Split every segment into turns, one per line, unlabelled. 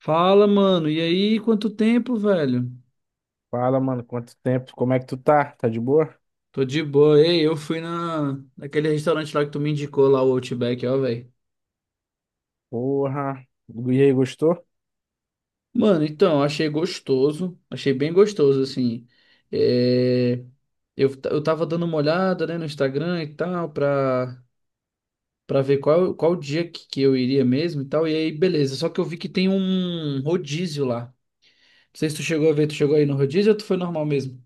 Fala, mano. E aí, quanto tempo, velho?
Fala, mano, quanto tempo? Como é que tu tá? Tá de boa?
Tô de boa. Ei, eu fui naquele restaurante lá que tu me indicou, lá o Outback, ó, velho.
Porra. E aí, gostou?
Mano, então, achei gostoso. Achei bem gostoso, assim. É... eu tava dando uma olhada, né, no Instagram e tal, pra ver qual dia que eu iria mesmo e tal. E aí, beleza. Só que eu vi que tem um rodízio lá. Não sei se tu chegou a ver, tu chegou aí no rodízio ou tu foi normal mesmo?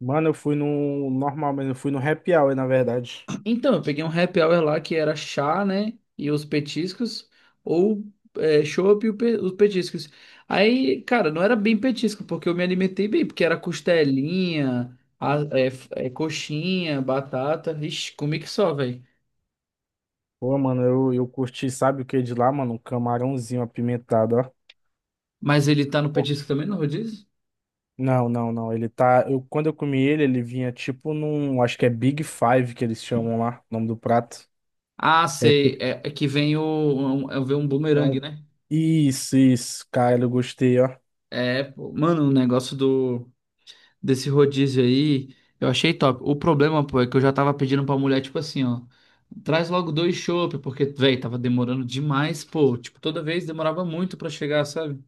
Mano, eu fui no normal, mas eu fui no happy hour, na verdade.
Então, eu peguei um happy hour lá que era chá, né? E os petiscos, ou chopp e os petiscos. Aí, cara, não era bem petisco, porque eu me alimentei bem, porque era costelinha, coxinha, batata. Ixi, comi que só, velho.
Pô, mano, eu curti, sabe o que de lá, mano? Um camarãozinho apimentado, ó.
Mas ele tá no petisco também, no rodízio?
Não, não, não. Ele tá. Eu, quando eu comi ele, ele vinha tipo num. Acho que é Big Five que eles chamam lá, o nome do prato.
Ah,
É
sei.
tipo.
É que vem um
É
bumerangue,
um...
né?
Isso, cara, eu gostei, ó.
É, pô, mano, o negócio do. Desse rodízio aí, eu achei top. O problema, pô, é que eu já tava pedindo pra mulher, tipo assim, ó, traz logo dois chopp, porque, velho, tava demorando demais, pô, tipo, toda vez demorava muito pra chegar, sabe?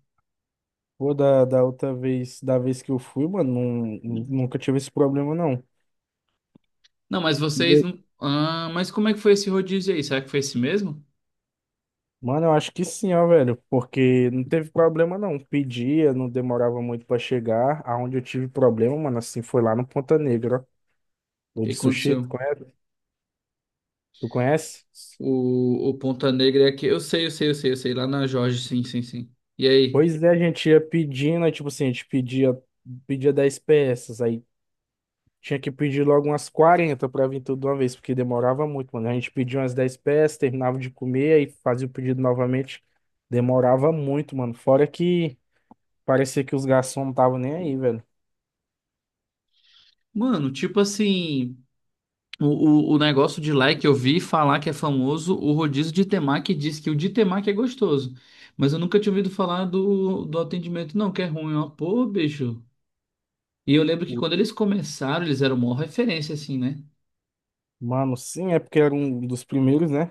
Pô, da outra vez, da vez que eu fui, mano, não, nunca tive esse problema, não.
Não, mas vocês não. Ah, mas como é que foi esse rodízio aí? Será que foi esse mesmo? O
Mano, eu acho que sim, ó, velho, porque não teve problema não. Pedia, não demorava muito pra chegar. Aonde eu tive problema, mano, assim, foi lá no Ponta Negra, ó. O
que
de sushi, tu
aconteceu?
conhece? Tu conhece?
O Ponta Negra é aqui. Eu sei, eu sei, eu sei, eu sei. Lá na Jorge, sim, sim, sim. E aí?
Pois é, a gente ia pedindo, aí, tipo assim, pedia 10 peças, aí tinha que pedir logo umas 40 pra vir tudo de uma vez, porque demorava muito, mano. A gente pedia umas 10 peças, terminava de comer, aí fazia o pedido novamente. Demorava muito, mano. Fora que parecia que os garçons não estavam nem aí, velho.
Mano, tipo assim. O negócio de lá é que eu vi falar que é famoso o rodízio de temaki, diz que o de temaki é gostoso. Mas eu nunca tinha ouvido falar do atendimento, não, que é ruim, ó. Pô, bicho. E eu lembro que quando eles começaram, eles eram uma referência, assim, né?
Mano, sim, é porque era um dos primeiros, né?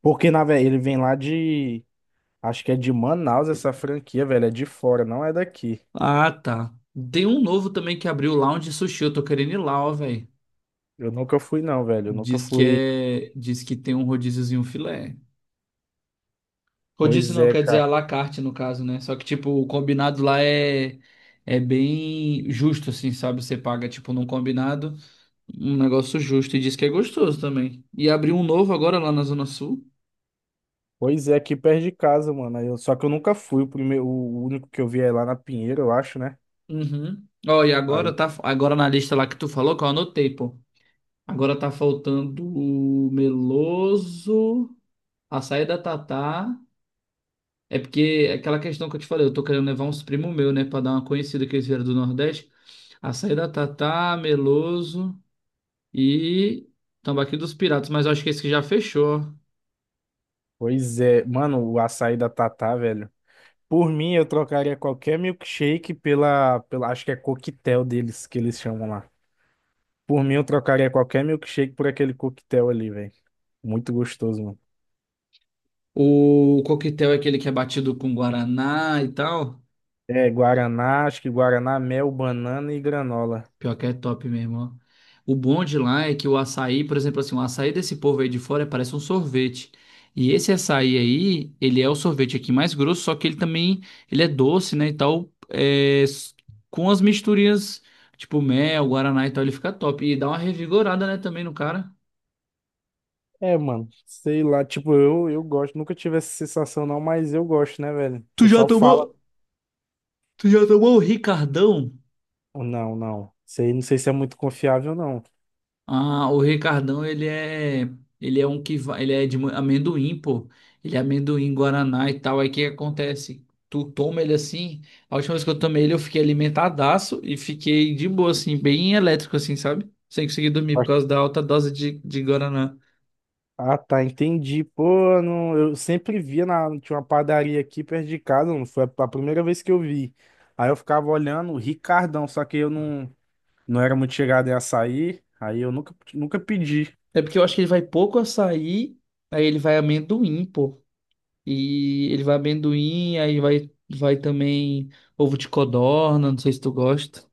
Porque, na verdade, ele vem lá de. Acho que é de Manaus essa franquia, velho. É de fora, não é daqui.
Ah, tá. Tem um novo também que abriu Lounge Sushi. Eu tô querendo ir lá, ó, velho.
Eu nunca fui, não, velho. Eu nunca
Diz que
fui.
é. Diz que tem um rodíziozinho filé. Rodízio
Pois
não,
é,
quer dizer à
cara.
la carte, no caso, né? Só que, tipo, o combinado lá é. É bem justo, assim, sabe? Você paga, tipo, num combinado. Um negócio justo e diz que é gostoso também. E abriu um novo agora lá na Zona Sul.
Pois é, aqui perto de casa, mano. Só que eu nunca fui. O primeiro, o único que eu vi é lá na Pinheiro, eu acho, né?
Uhum. Ó, e agora
Aí,
tá agora na lista lá que tu falou, que eu anotei, pô. Agora tá faltando o Meloso, açaí da Tatá. É porque é aquela questão que eu te falei, eu tô querendo levar uns primos meus, né, pra dar uma conhecida que eles vieram do Nordeste. Açaí da Tatá, Meloso e Tambaqui dos Piratas, mas eu acho que esse que já fechou, ó.
pois é. Mano, o açaí da Tatá, velho. Por mim, eu trocaria qualquer milkshake pela. Acho que é coquetel deles que eles chamam lá. Por mim, eu trocaria qualquer milkshake por aquele coquetel ali, velho. Muito gostoso, mano.
O coquetel é aquele que é batido com guaraná e tal.
É, guaraná, acho que guaraná, mel, banana e granola.
Pior que é top mesmo, ó. O bom de lá é que o açaí, por exemplo, assim, o açaí desse povo aí de fora parece um sorvete. E esse açaí aí, ele é o sorvete aqui mais grosso, só que ele também, ele é doce, né, e tal, com as misturinhas, tipo mel, guaraná e tal, ele fica top. E dá uma revigorada, né, também no cara.
É, mano, sei lá, tipo, eu gosto, nunca tive essa sensação não, mas eu gosto, né, velho? O
Tu já
pessoal fala,
tomou? Tu já tomou o Ricardão?
não, não, sei, não sei se é muito confiável, não.
Ah, o Ricardão, ele é um que vai, ele é de amendoim, pô. Ele é amendoim, guaraná e tal. Aí o que acontece? Tu toma ele assim, a última vez que eu tomei ele, eu fiquei alimentadaço e fiquei de boa, assim, bem elétrico, assim, sabe? Sem conseguir dormir por
Mas-
causa da alta dose de guaraná.
Ah, tá, entendi, pô, não, eu sempre via, na, tinha uma padaria aqui perto de casa, não foi a primeira vez que eu vi. Aí eu ficava olhando o Ricardão, só que eu não, não era muito chegado em açaí, aí eu nunca pedi.
É porque eu acho que ele vai pouco açaí, aí ele vai amendoim, pô. E ele vai amendoim, aí vai também ovo de codorna, não sei se tu gosta.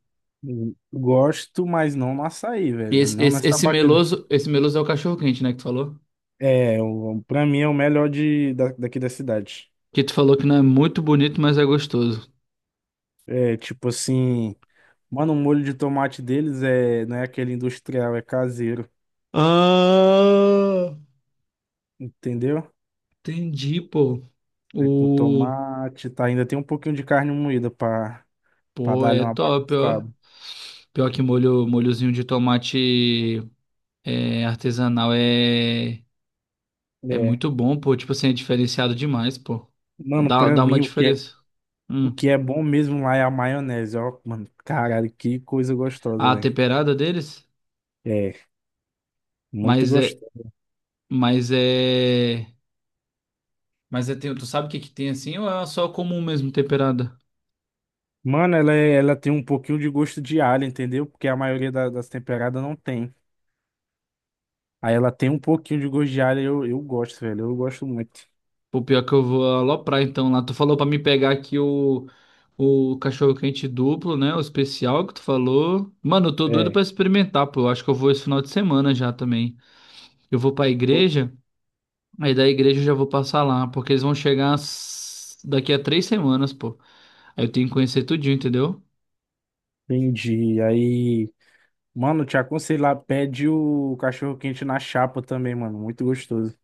Gosto, mas não no açaí,
E
velho.
esse,
Não
esse,
nessa
esse
batida.
meloso, esse meloso é o cachorro quente, né, que tu falou?
É, o, pra mim é o melhor daqui da cidade.
Que tu falou que não é muito bonito, mas é gostoso.
É, tipo assim, mano, o molho de tomate deles é, não é aquele industrial, é caseiro,
Ah,
entendeu?
entendi, pô.
É com
O,
tomate, tá? Ainda tem um pouquinho de carne moída pra, pra
pô,
dar-lhe
é
uma
top, ó.
bagunçada.
Pior que molho, molhozinho de tomate é, artesanal é
É.
muito bom, pô. Tipo assim, é diferenciado demais, pô.
Mano,
Dá,
pra
dá uma
mim,
diferença.
o
Hum.
que é bom mesmo lá é a maionese, ó. Mano, caralho, que coisa gostosa,
A
velho.
temperada deles,
É, muito
mas é,
gostoso.
mas é Mas é, tem, tu sabe o que que tem assim ou é só comum mesmo temperada?
Mano, ela, ela tem um pouquinho de gosto de alho, entendeu? Porque a maioria das temperadas não tem. Aí ela tem um pouquinho de gosto de alho, eu gosto, velho. Eu gosto muito.
Pô, pior que eu vou aloprar então lá. Tu falou pra me pegar aqui o cachorro-quente duplo, né? O especial que tu falou. Mano, eu tô doido
É.
pra experimentar, pô. Eu acho que eu vou esse final de semana já também. Eu vou pra
o-
igreja, aí da igreja eu já vou passar lá, porque eles vão chegar daqui a 3 semanas, pô. Aí eu tenho que conhecer tudinho, entendeu?
Entendi. Aí, mano, te aconselho lá, pede o cachorro quente na chapa também, mano. Muito gostoso.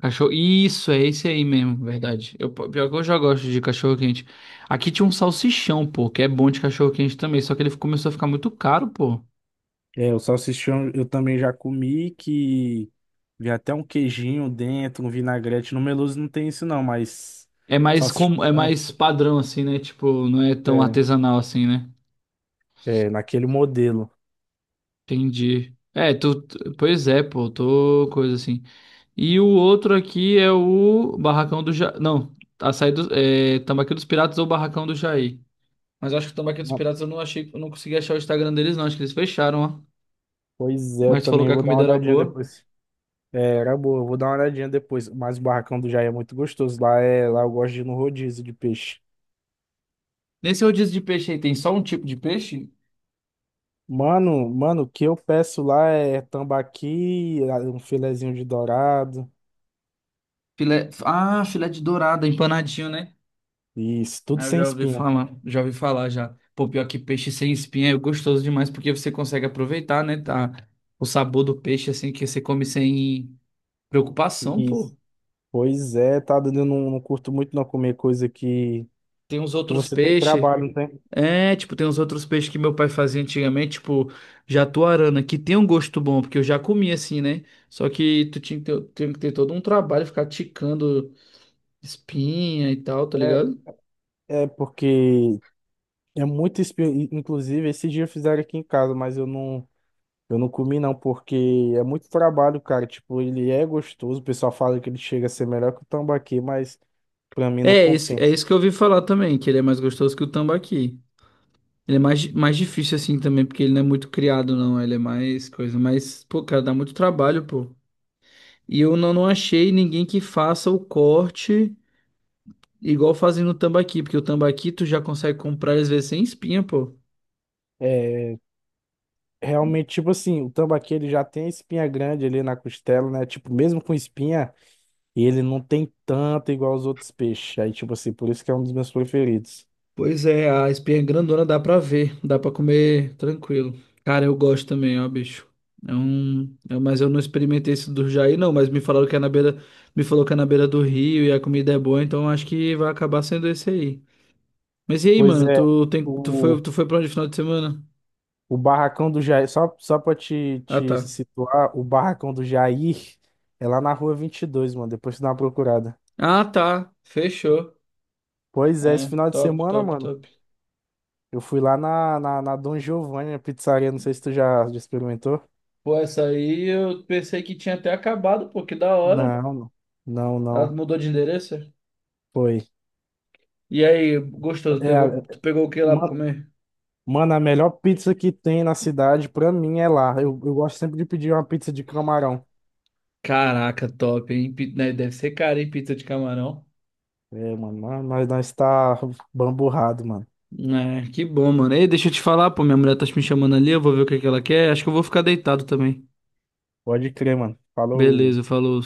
Cachorro. Isso, é esse aí mesmo, verdade. Eu, pior que eu já gosto de cachorro quente. Aqui tinha um salsichão, pô, que é bom de cachorro quente também, só que ele começou a ficar muito caro, pô.
É, o salsichão eu também já comi, que vi até um queijinho dentro, um vinagrete. No Meloso não tem isso não, mas
É mais
salsichão
com, é
né?
mais padrão assim, né? Tipo, não é tão
É,
artesanal assim, né?
é naquele modelo.
Entendi. É, pois é, pô, tô coisa assim. E o outro aqui é o Barracão do Não, açaí Tambaqui dos Piratas ou Barracão do Jair. Mas eu acho que o Tambaqui dos
Mas,
Piratas eu não achei, eu não consegui achar o Instagram deles não, acho que eles fecharam, ó.
pois é,
Mas tu falou
também
que a
vou dar uma
comida era
olhadinha
boa.
depois. É, era boa, eu vou dar uma olhadinha depois. Mas o barracão do Jair é muito gostoso. Lá, é, lá eu gosto de ir no rodízio de peixe.
Nesse rodízio de peixe aí, tem só um tipo de peixe?
Mano, o que eu peço lá é tambaqui, um filezinho de dourado.
Ah, filé de dourada, empanadinho, né?
Isso, tudo
Ah, eu
sem
já ouvi
espinha.
falar, já ouvi falar já. Pô, pior que peixe sem espinha é gostoso demais, porque você consegue aproveitar, né? Tá? O sabor do peixe, assim, que você come sem preocupação,
Isso.
pô.
Pois é, tá dando. Eu não, não curto muito não comer coisa
Tem uns
que
outros
você tem
peixes.
trabalho, não tem?
É, tipo, tem uns outros peixes que meu pai fazia antigamente, tipo, jatuarana, que tem um gosto bom, porque eu já comi assim, né? Só que tu tinha que ter todo um trabalho, ficar ticando espinha e tal, tá
É,
ligado?
é porque é muito espinha. Inclusive, esse dia fizeram aqui em casa, mas eu não. Eu não comi não, porque é muito trabalho, cara. Tipo, ele é gostoso. O pessoal fala que ele chega a ser melhor que o tambaqui, mas pra mim não
É
compensa.
isso que eu ouvi falar também, que ele é mais gostoso que o tambaqui. Ele é mais difícil assim também, porque ele não é muito criado, não. Ele é mais coisa, mas, pô, cara, dá muito trabalho, pô. E eu não, não achei ninguém que faça o corte igual fazendo o tambaqui, porque o tambaqui tu já consegue comprar às vezes sem espinha, pô.
É, realmente, tipo assim, o tambaqui ele já tem a espinha grande ali na costela, né? Tipo, mesmo com espinha, ele não tem tanta igual os outros peixes. Aí, tipo assim, por isso que é um dos meus preferidos.
Pois é, a espinha grandona dá pra ver, dá pra comer tranquilo. Cara, eu gosto também, ó, bicho. É um, mas eu não experimentei esse do Jair, não, mas me falaram que é na beira, me falou que é na beira do rio e a comida é boa, então acho que vai acabar sendo esse aí. Mas e aí,
Pois
mano,
é,
tu tem, tu foi,
o,
tu foi pra onde final de semana?
o barracão do Jair, só pra
Ah,
te
tá.
situar, o barracão do Jair é lá na rua 22, mano. Depois tu dá uma procurada.
Ah, tá. Fechou.
Pois é, esse
É,
final de
top,
semana,
top,
mano,
top.
eu fui lá na Dom Giovanni, a pizzaria, não sei se tu já experimentou.
Pô, essa aí eu pensei que tinha até acabado, pô, que da hora.
Não, não, não,
Ela
não,
mudou de endereço?
foi.
E aí, gostoso,
É,
tu pegou o que lá pra
ma-
comer?
mano, a melhor pizza que tem na cidade, pra mim, é lá. Eu gosto sempre de pedir uma pizza de camarão.
Caraca, top, hein? Né, deve ser caro, hein? Pizza de camarão.
É, mano, nós tá bamburrado, mano.
É, que bom, mano. Ei, deixa eu te falar, pô, minha mulher tá me chamando ali, eu vou ver o que que ela quer. Acho que eu vou ficar deitado também.
Pode crer, mano. Falou.
Beleza, falou.